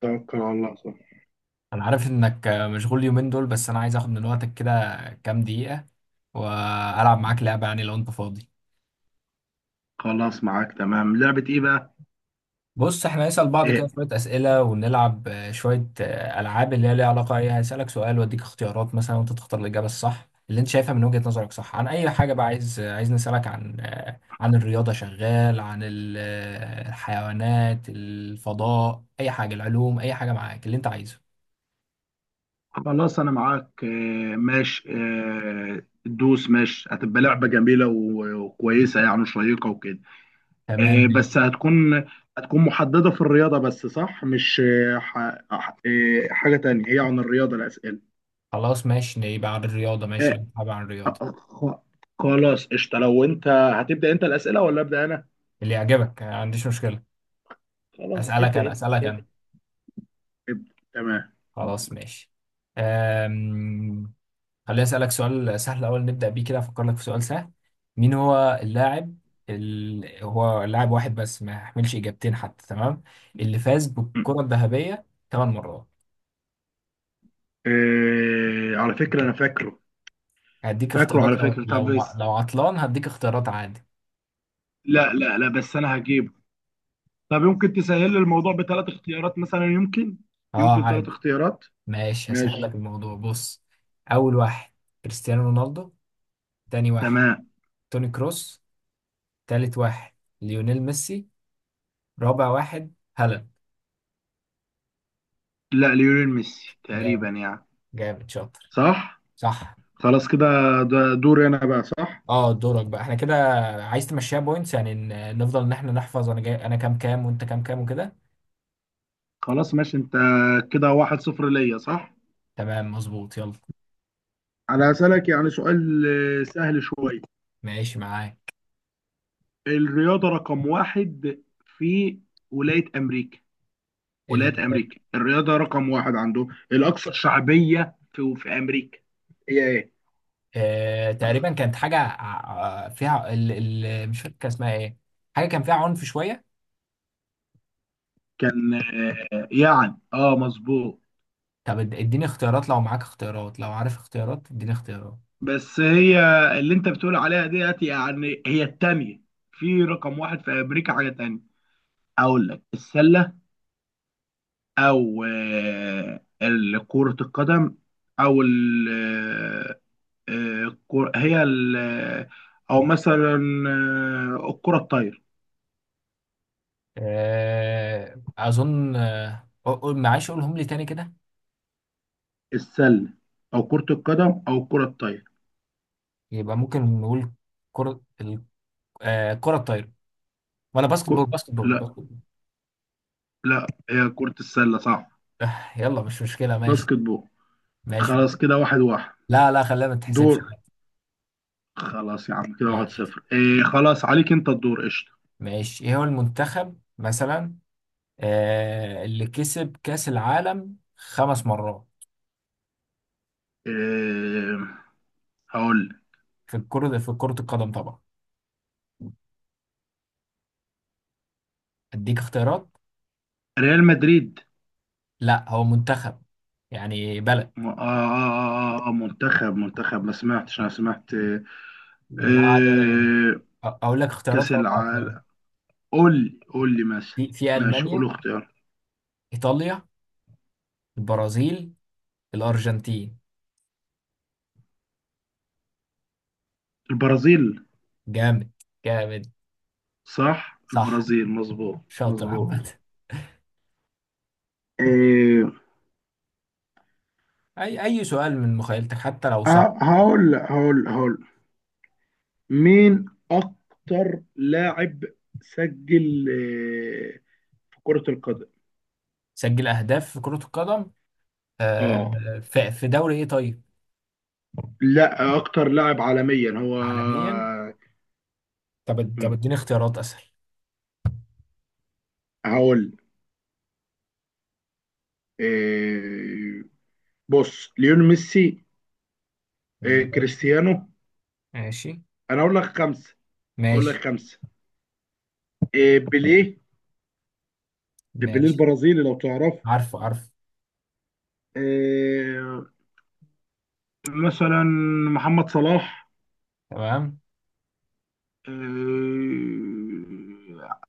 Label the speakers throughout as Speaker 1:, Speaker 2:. Speaker 1: توكل على الله صح.
Speaker 2: انا عارف انك مشغول اليومين دول، بس انا عايز اخد من وقتك كده كام دقيقة والعب معاك لعبة، يعني لو انت فاضي.
Speaker 1: خلاص معاك تمام. لعبة ايه بقى؟
Speaker 2: بص، احنا هنسأل بعض كده
Speaker 1: إيه.
Speaker 2: شوية أسئلة، ونلعب شوية ألعاب اللي هي ليها علاقة. ايه، هسألك سؤال واديك اختيارات مثلا، وانت تختار الإجابة الصح اللي انت شايفها من وجهة نظرك. صح، عن اي حاجة بقى عايز نسألك عن الرياضة؟ شغال عن الحيوانات، الفضاء، اي حاجة، العلوم، اي حاجة معاك اللي انت عايزه.
Speaker 1: خلاص انا معاك. إيه ماشي. إيه دوس ماشي، هتبقى لعبة جميلة و- وكويسة يعني وشيقة وكده.
Speaker 2: تمام
Speaker 1: إيه
Speaker 2: ماشي.
Speaker 1: بس هتكون محددة في الرياضة بس صح؟ مش إيه إيه حاجة تانية، هي عن الرياضة الأسئلة؟
Speaker 2: خلاص ماشي، يبقى عن الرياضة. ماشي لو
Speaker 1: إيه.
Speaker 2: انت حابب عن الرياضة
Speaker 1: خ- خلاص قشطة. لو انت هتبدأ انت الأسئلة ولا أبدأ انا؟
Speaker 2: اللي يعجبك. ما عنديش مشكلة.
Speaker 1: خلاص
Speaker 2: أسألك
Speaker 1: ابدأ
Speaker 2: أنا
Speaker 1: انت
Speaker 2: أسألك
Speaker 1: ابدأ
Speaker 2: أنا
Speaker 1: ابدأ تمام.
Speaker 2: خلاص ماشي. أم... خليني أسألك سؤال سهل أول نبدأ بيه كده، أفكر لك في سؤال سهل. مين هو اللاعب هو لاعب واحد بس، ما يحملش إجابتين حتى، تمام، اللي فاز بالكرة الذهبية ثمان مرات؟
Speaker 1: إيه، على فكرة أنا فاكره.
Speaker 2: هديك
Speaker 1: فاكره
Speaker 2: اختيارات،
Speaker 1: على
Speaker 2: لو
Speaker 1: فكرة، طب
Speaker 2: لو ما...
Speaker 1: بس
Speaker 2: لو عطلان هديك اختيارات عادي.
Speaker 1: لا بس انا هجيبه. طب يمكن تسهل لي الموضوع بثلاث اختيارات مثلا، يمكن
Speaker 2: اه
Speaker 1: يمكن ثلاث
Speaker 2: عادي،
Speaker 1: اختيارات.
Speaker 2: ماشي هسهل
Speaker 1: ماشي.
Speaker 2: لك الموضوع. بص، أول واحد كريستيانو رونالدو، تاني واحد
Speaker 1: تمام.
Speaker 2: توني كروس، تالت واحد ليونيل ميسي، رابع واحد هلا.
Speaker 1: لا ليونيل ميسي
Speaker 2: جامد،
Speaker 1: تقريبا يعني.
Speaker 2: جامد شاطر.
Speaker 1: صح
Speaker 2: صح.
Speaker 1: خلاص كده. ده دوري انا بقى صح؟
Speaker 2: اه دورك بقى، احنا كده. عايز تمشيها بوينتس يعني، نفضل ان احنا نحفظ، انا جاي انا كام كام وانت كام كام وكده.
Speaker 1: خلاص ماشي انت، كده واحد صفر ليا صح؟
Speaker 2: تمام مظبوط، يلا.
Speaker 1: انا هسألك يعني سؤال سهل شوية.
Speaker 2: ماشي معاك.
Speaker 1: الرياضة رقم واحد في ولاية امريكا،
Speaker 2: ال...
Speaker 1: ولاية أمريكا الرياضة رقم واحد عندهم الأكثر شعبية في أمريكا هي إيه؟
Speaker 2: تقريبا كانت حاجة فيها مش فاكر كان اسمها ايه، حاجة كان فيها عنف شوية.
Speaker 1: كان يعني اه مظبوط.
Speaker 2: طب اديني اختيارات، لو معاك اختيارات، لو عارف اختيارات اديني اختيارات.
Speaker 1: بس هي اللي أنت بتقول عليها ديت يعني هي التانية، في رقم واحد في أمريكا حاجة تانية. أقول لك السلة أو كرة القدم أو ال آه، آه، الكرة- هي ال آه، أو مثلا الكرة الطايرة.
Speaker 2: اظن، معلش قولهم لي تاني كده.
Speaker 1: السلة أو كرة القدم أو الكرة الطايرة.
Speaker 2: يبقى ممكن نقول كرة، كرة الطايرة، ولا
Speaker 1: كو...
Speaker 2: باسكت بول
Speaker 1: لا
Speaker 2: باسكت بول؟
Speaker 1: لا، هي كرة السلة صح،
Speaker 2: يلا مش مشكلة، ماشي.
Speaker 1: باسكت بول.
Speaker 2: ماشي،
Speaker 1: خلاص كده واحد واحد.
Speaker 2: لا لا، خلينا ما تحسبش
Speaker 1: دور.
Speaker 2: عادي.
Speaker 1: خلاص يا عم، كده واحد
Speaker 2: ماشي.
Speaker 1: صفر. إيه خلاص عليك انت الدور قشطة.
Speaker 2: ماشي، ايه هو المنتخب مثلا، اللي كسب كأس العالم خمس مرات
Speaker 1: إيه هقول لك.
Speaker 2: في الكرة، في كرة القدم طبعا؟ اديك اختيارات.
Speaker 1: ريال مدريد.
Speaker 2: لا، هو منتخب، يعني بلد.
Speaker 1: منتخب ما سمعتش، انا سمعت إيه؟
Speaker 2: لا عادي ولا يعني،
Speaker 1: إيه،
Speaker 2: اقول لك
Speaker 1: كأس
Speaker 2: اختيارات لو انت عارفها.
Speaker 1: العالم. قول لي مثلا.
Speaker 2: في
Speaker 1: ماشي قول
Speaker 2: المانيا،
Speaker 1: اختيار.
Speaker 2: ايطاليا، البرازيل، الارجنتين.
Speaker 1: البرازيل.
Speaker 2: جامد، جامد.
Speaker 1: صح
Speaker 2: صح،
Speaker 1: البرازيل، مظبوط
Speaker 2: شاطر.
Speaker 1: مظبوط.
Speaker 2: عامة
Speaker 1: إيه.
Speaker 2: اي سؤال من مخيلتك، حتى لو صعب.
Speaker 1: هقول مين اكتر لاعب سجل آه، في كرة القدم.
Speaker 2: سجل اهداف في كرة القدم،
Speaker 1: اه،
Speaker 2: في دوري ايه طيب؟
Speaker 1: لا اكتر لاعب عالميا هو.
Speaker 2: عالميا؟ طب
Speaker 1: مم،
Speaker 2: اديني اختيارات اسهل.
Speaker 1: هقول آه، بص ليون ميسي،
Speaker 2: ماشي،
Speaker 1: كريستيانو.
Speaker 2: ماشي،
Speaker 1: انا اقول لك خمسة، اقول لك
Speaker 2: ماشي،
Speaker 1: خمسة بيليه، بيليه
Speaker 2: ماشي.
Speaker 1: البرازيلي لو تعرف.
Speaker 2: عارفه، عارفه.
Speaker 1: آه، مثلا محمد صلاح،
Speaker 2: تمام.
Speaker 1: آه،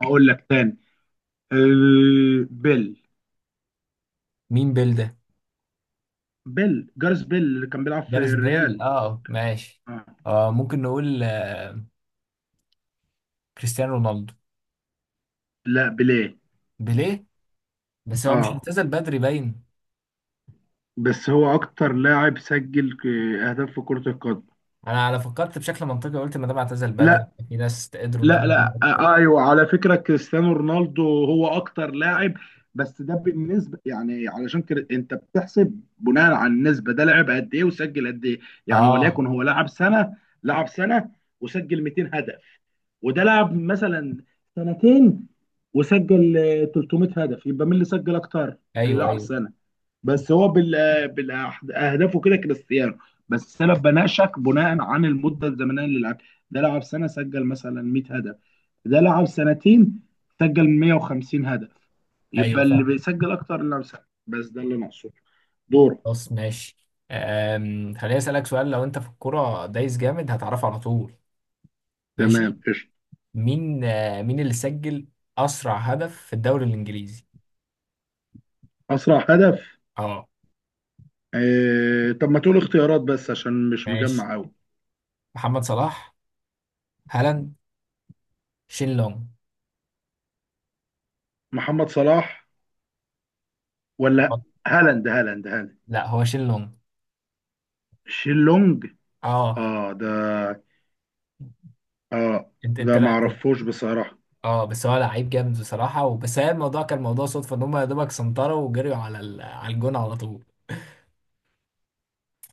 Speaker 1: اقول لك تاني بيل،
Speaker 2: مين بيل ده؟
Speaker 1: بيل جارس، بيل اللي كان بيلعب في
Speaker 2: جاريث بيل،
Speaker 1: الريال.
Speaker 2: اه ماشي.
Speaker 1: آه.
Speaker 2: آه ممكن نقول، كريستيانو رونالدو.
Speaker 1: لا بيليه.
Speaker 2: بيليه؟ بس هو مش
Speaker 1: اه
Speaker 2: اعتزل بدري باين؟
Speaker 1: بس هو اكتر لاعب سجل اهداف في كرة القدم.
Speaker 2: انا فكرت بشكل منطقي، قلت ما دام اعتزل بدري،
Speaker 1: لا
Speaker 2: في ناس قدروا ان
Speaker 1: لا
Speaker 2: هم
Speaker 1: لا
Speaker 2: يجيبوا اكتر.
Speaker 1: آه ايوه، على فكرة كريستيانو رونالدو هو اكتر لاعب. بس ده بالنسبة يعني، علشان كده انت بتحسب بناء على النسبة، ده لعب قد ايه وسجل قد ايه. يعني
Speaker 2: اه
Speaker 1: وليكن هو لعب سنة، لعب سنة وسجل 200 هدف، وده لعب مثلا سنتين وسجل 300 هدف، يبقى مين اللي سجل اكتر؟ اللي
Speaker 2: ايوه،
Speaker 1: لعب
Speaker 2: ايوه،
Speaker 1: سنة. بس هو بالاهدافه كده كريستيانو، بس انا بناقشك بناء عن المده الزمنيه اللي لعب. ده لعب سنه سجل مثلا 100 هدف، ده لعب سنتين سجل 150 هدف،
Speaker 2: ايوه
Speaker 1: يبقى اللي
Speaker 2: فاهم.
Speaker 1: بيسجل اكتر اللي بيسجل. بس ده اللي ناقصه. دورك.
Speaker 2: خلاص ماشي. خليني أسألك سؤال، لو أنت في الكرة دايس جامد هتعرفه على طول. ماشي.
Speaker 1: تمام قشطه.
Speaker 2: مين، مين اللي سجل أسرع هدف في الدوري الإنجليزي؟
Speaker 1: اسرع هدف.
Speaker 2: أه.
Speaker 1: طب ما تقول اختيارات بس عشان مش
Speaker 2: ماشي،
Speaker 1: مجمع قوي.
Speaker 2: محمد صلاح، هالاند، شين لونج.
Speaker 1: محمد صلاح ولا
Speaker 2: آه،
Speaker 1: هالاند.
Speaker 2: لا هو شين لونج.
Speaker 1: شيلونج.
Speaker 2: أه.
Speaker 1: اه ده. اه
Speaker 2: أنت
Speaker 1: ده
Speaker 2: أنت
Speaker 1: ما
Speaker 2: لا أنت.
Speaker 1: اعرفوش بصراحه.
Speaker 2: أه، بس هو لعيب جامد بصراحة، وبس هي الموضوع كان موضوع صدفة، إن هم يا دوبك سنطروا وجريوا على على الجون على طول.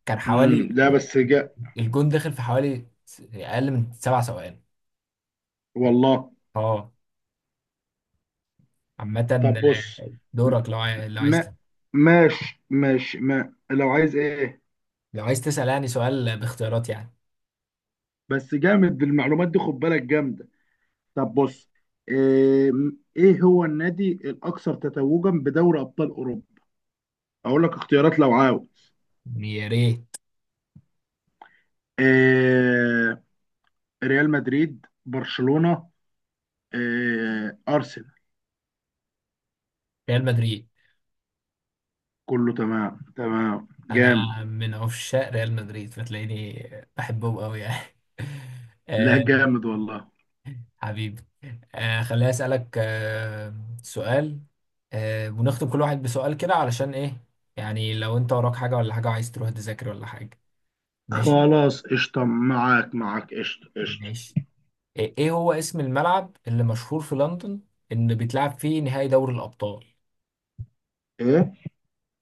Speaker 2: كان حوالي،
Speaker 1: لا بس جاء.
Speaker 2: الجون دخل في حوالي أقل من سبع ثواني.
Speaker 1: والله.
Speaker 2: أه، عامة
Speaker 1: طب بص. م-
Speaker 2: دورك، لو عايز.
Speaker 1: ما ماشي ماشي، ما لو عايز ايه ايه.
Speaker 2: لو عايز تسأل يعني سؤال باختيارات يعني.
Speaker 1: بس جامد المعلومات دي، خد بالك جامده. طب بص، ايه, ايه هو النادي الاكثر تتويجا بدوري ابطال اوروبا؟ اقول لك اختيارات لو عاوز.
Speaker 2: يا ريت.
Speaker 1: ايه ريال مدريد، برشلونه، ايه ارسنال.
Speaker 2: ريال مدريد.
Speaker 1: كله تمام تمام جامد.
Speaker 2: انا من عشاق ريال مدريد، فتلاقيني بحبهم قوي يعني.
Speaker 1: لا
Speaker 2: آه
Speaker 1: جامد والله.
Speaker 2: حبيبي. خليني أسألك سؤال، ونختم كل واحد بسؤال كده علشان ايه، يعني لو انت وراك حاجة ولا حاجة، عايز تروح تذاكر ولا حاجة. ماشي.
Speaker 1: خلاص قشطه، معاك معاك قشطه قشطه.
Speaker 2: ماشي، ايه، إيه هو اسم الملعب اللي مشهور في لندن، ان بيتلعب فيه نهائي دوري الأبطال؟
Speaker 1: ايه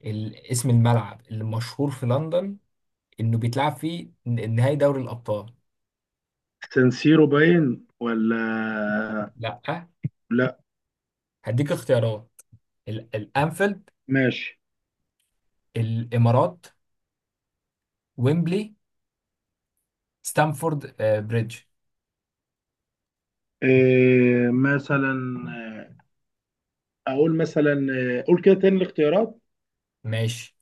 Speaker 2: اسم الملعب اللي مشهور في لندن، انه بيتلعب فيه نهائي دوري الابطال.
Speaker 1: سانسيرو باين ولا
Speaker 2: لا،
Speaker 1: لا؟
Speaker 2: هديك اختيارات. الانفيلد،
Speaker 1: ماشي.
Speaker 2: الامارات، ويمبلي، ستامفورد بريدج.
Speaker 1: إيه مثلا، آه، اقول مثلا، قول كده تاني الاختيارات.
Speaker 2: ماشي،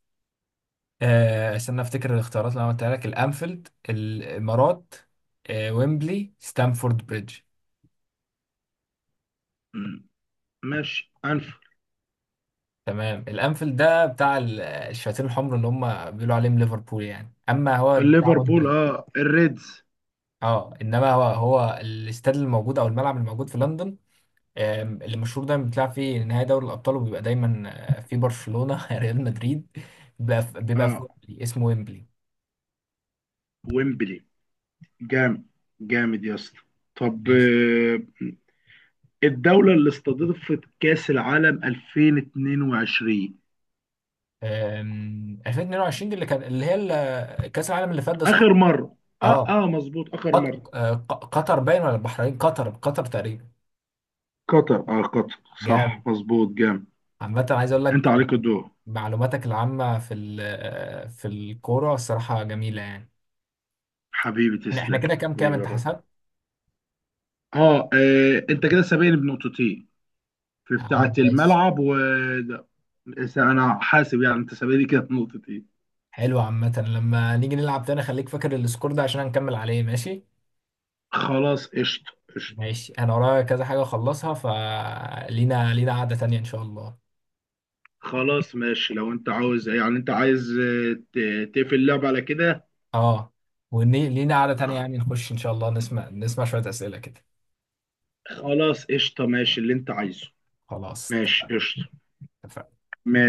Speaker 2: استنى افتكر الاختيارات اللي انا قلتها لك، الانفيلد، الامارات، ويمبلي، ستامفورد بريدج.
Speaker 1: مم، ماشي
Speaker 2: تمام، الانفيلد ده بتاع الشياطين الحمر اللي هم بيقولوا عليهم ليفربول يعني، اما هو بتاع
Speaker 1: ليفربول
Speaker 2: ويمبلي.
Speaker 1: اه الريدز.
Speaker 2: اه انما هو، الاستاد الموجود او الملعب الموجود في لندن، المشهور ده، بيتلعب في نهائي دوري الأبطال، وبيبقى دايما في برشلونة ريال مدريد، بيبقى في،
Speaker 1: اه
Speaker 2: ويمبلي، اسمه ويمبلي.
Speaker 1: ويمبلي. جامد. جامد يا اسطى. طب
Speaker 2: ماشي.
Speaker 1: الدولة اللي استضافت كأس العالم 2022.
Speaker 2: 2022 دي اللي كان، اللي هي كأس العالم اللي فات ده، صح؟
Speaker 1: آخر مرة، اه
Speaker 2: اه.
Speaker 1: اه مظبوط آخر مرة.
Speaker 2: قطر باين، ولا البحرين؟ قطر تقريبا.
Speaker 1: قطر، اه قطر. صح
Speaker 2: جامد.
Speaker 1: مظبوط جامد.
Speaker 2: عامة عايز أقول
Speaker 1: انت
Speaker 2: لك،
Speaker 1: عليك الدور.
Speaker 2: معلوماتك العامة في في الكورة الصراحة جميلة يعني.
Speaker 1: حبيبي
Speaker 2: احنا
Speaker 1: تسلق
Speaker 2: كده كام كام،
Speaker 1: حبيبي
Speaker 2: انت
Speaker 1: الرأي.
Speaker 2: حسب؟
Speaker 1: اه انت كده سابقني بنقطتين، في بتاعة الملعب و ده. بس انا حاسب يعني انت سابقني كده بنقطتين.
Speaker 2: حلو، عامة لما نيجي نلعب تاني خليك فاكر السكور ده، عشان هنكمل عليه، ماشي.
Speaker 1: خلاص قشطة قشطة.
Speaker 2: ماشي، انا ورايا كذا حاجة اخلصها، فلينا قعدة تانية ان شاء الله.
Speaker 1: خلاص ماشي، لو انت عاوز يعني انت عايز تقفل اللعبة على كده.
Speaker 2: اه، ولينا قعدة تانية يعني، نخش ان شاء الله، نسمع شوية اسئلة كده.
Speaker 1: خلاص قشطة ماشي اللي انت عايزه.
Speaker 2: خلاص،
Speaker 1: ماشي قشطة.
Speaker 2: اتفقنا.
Speaker 1: ماشي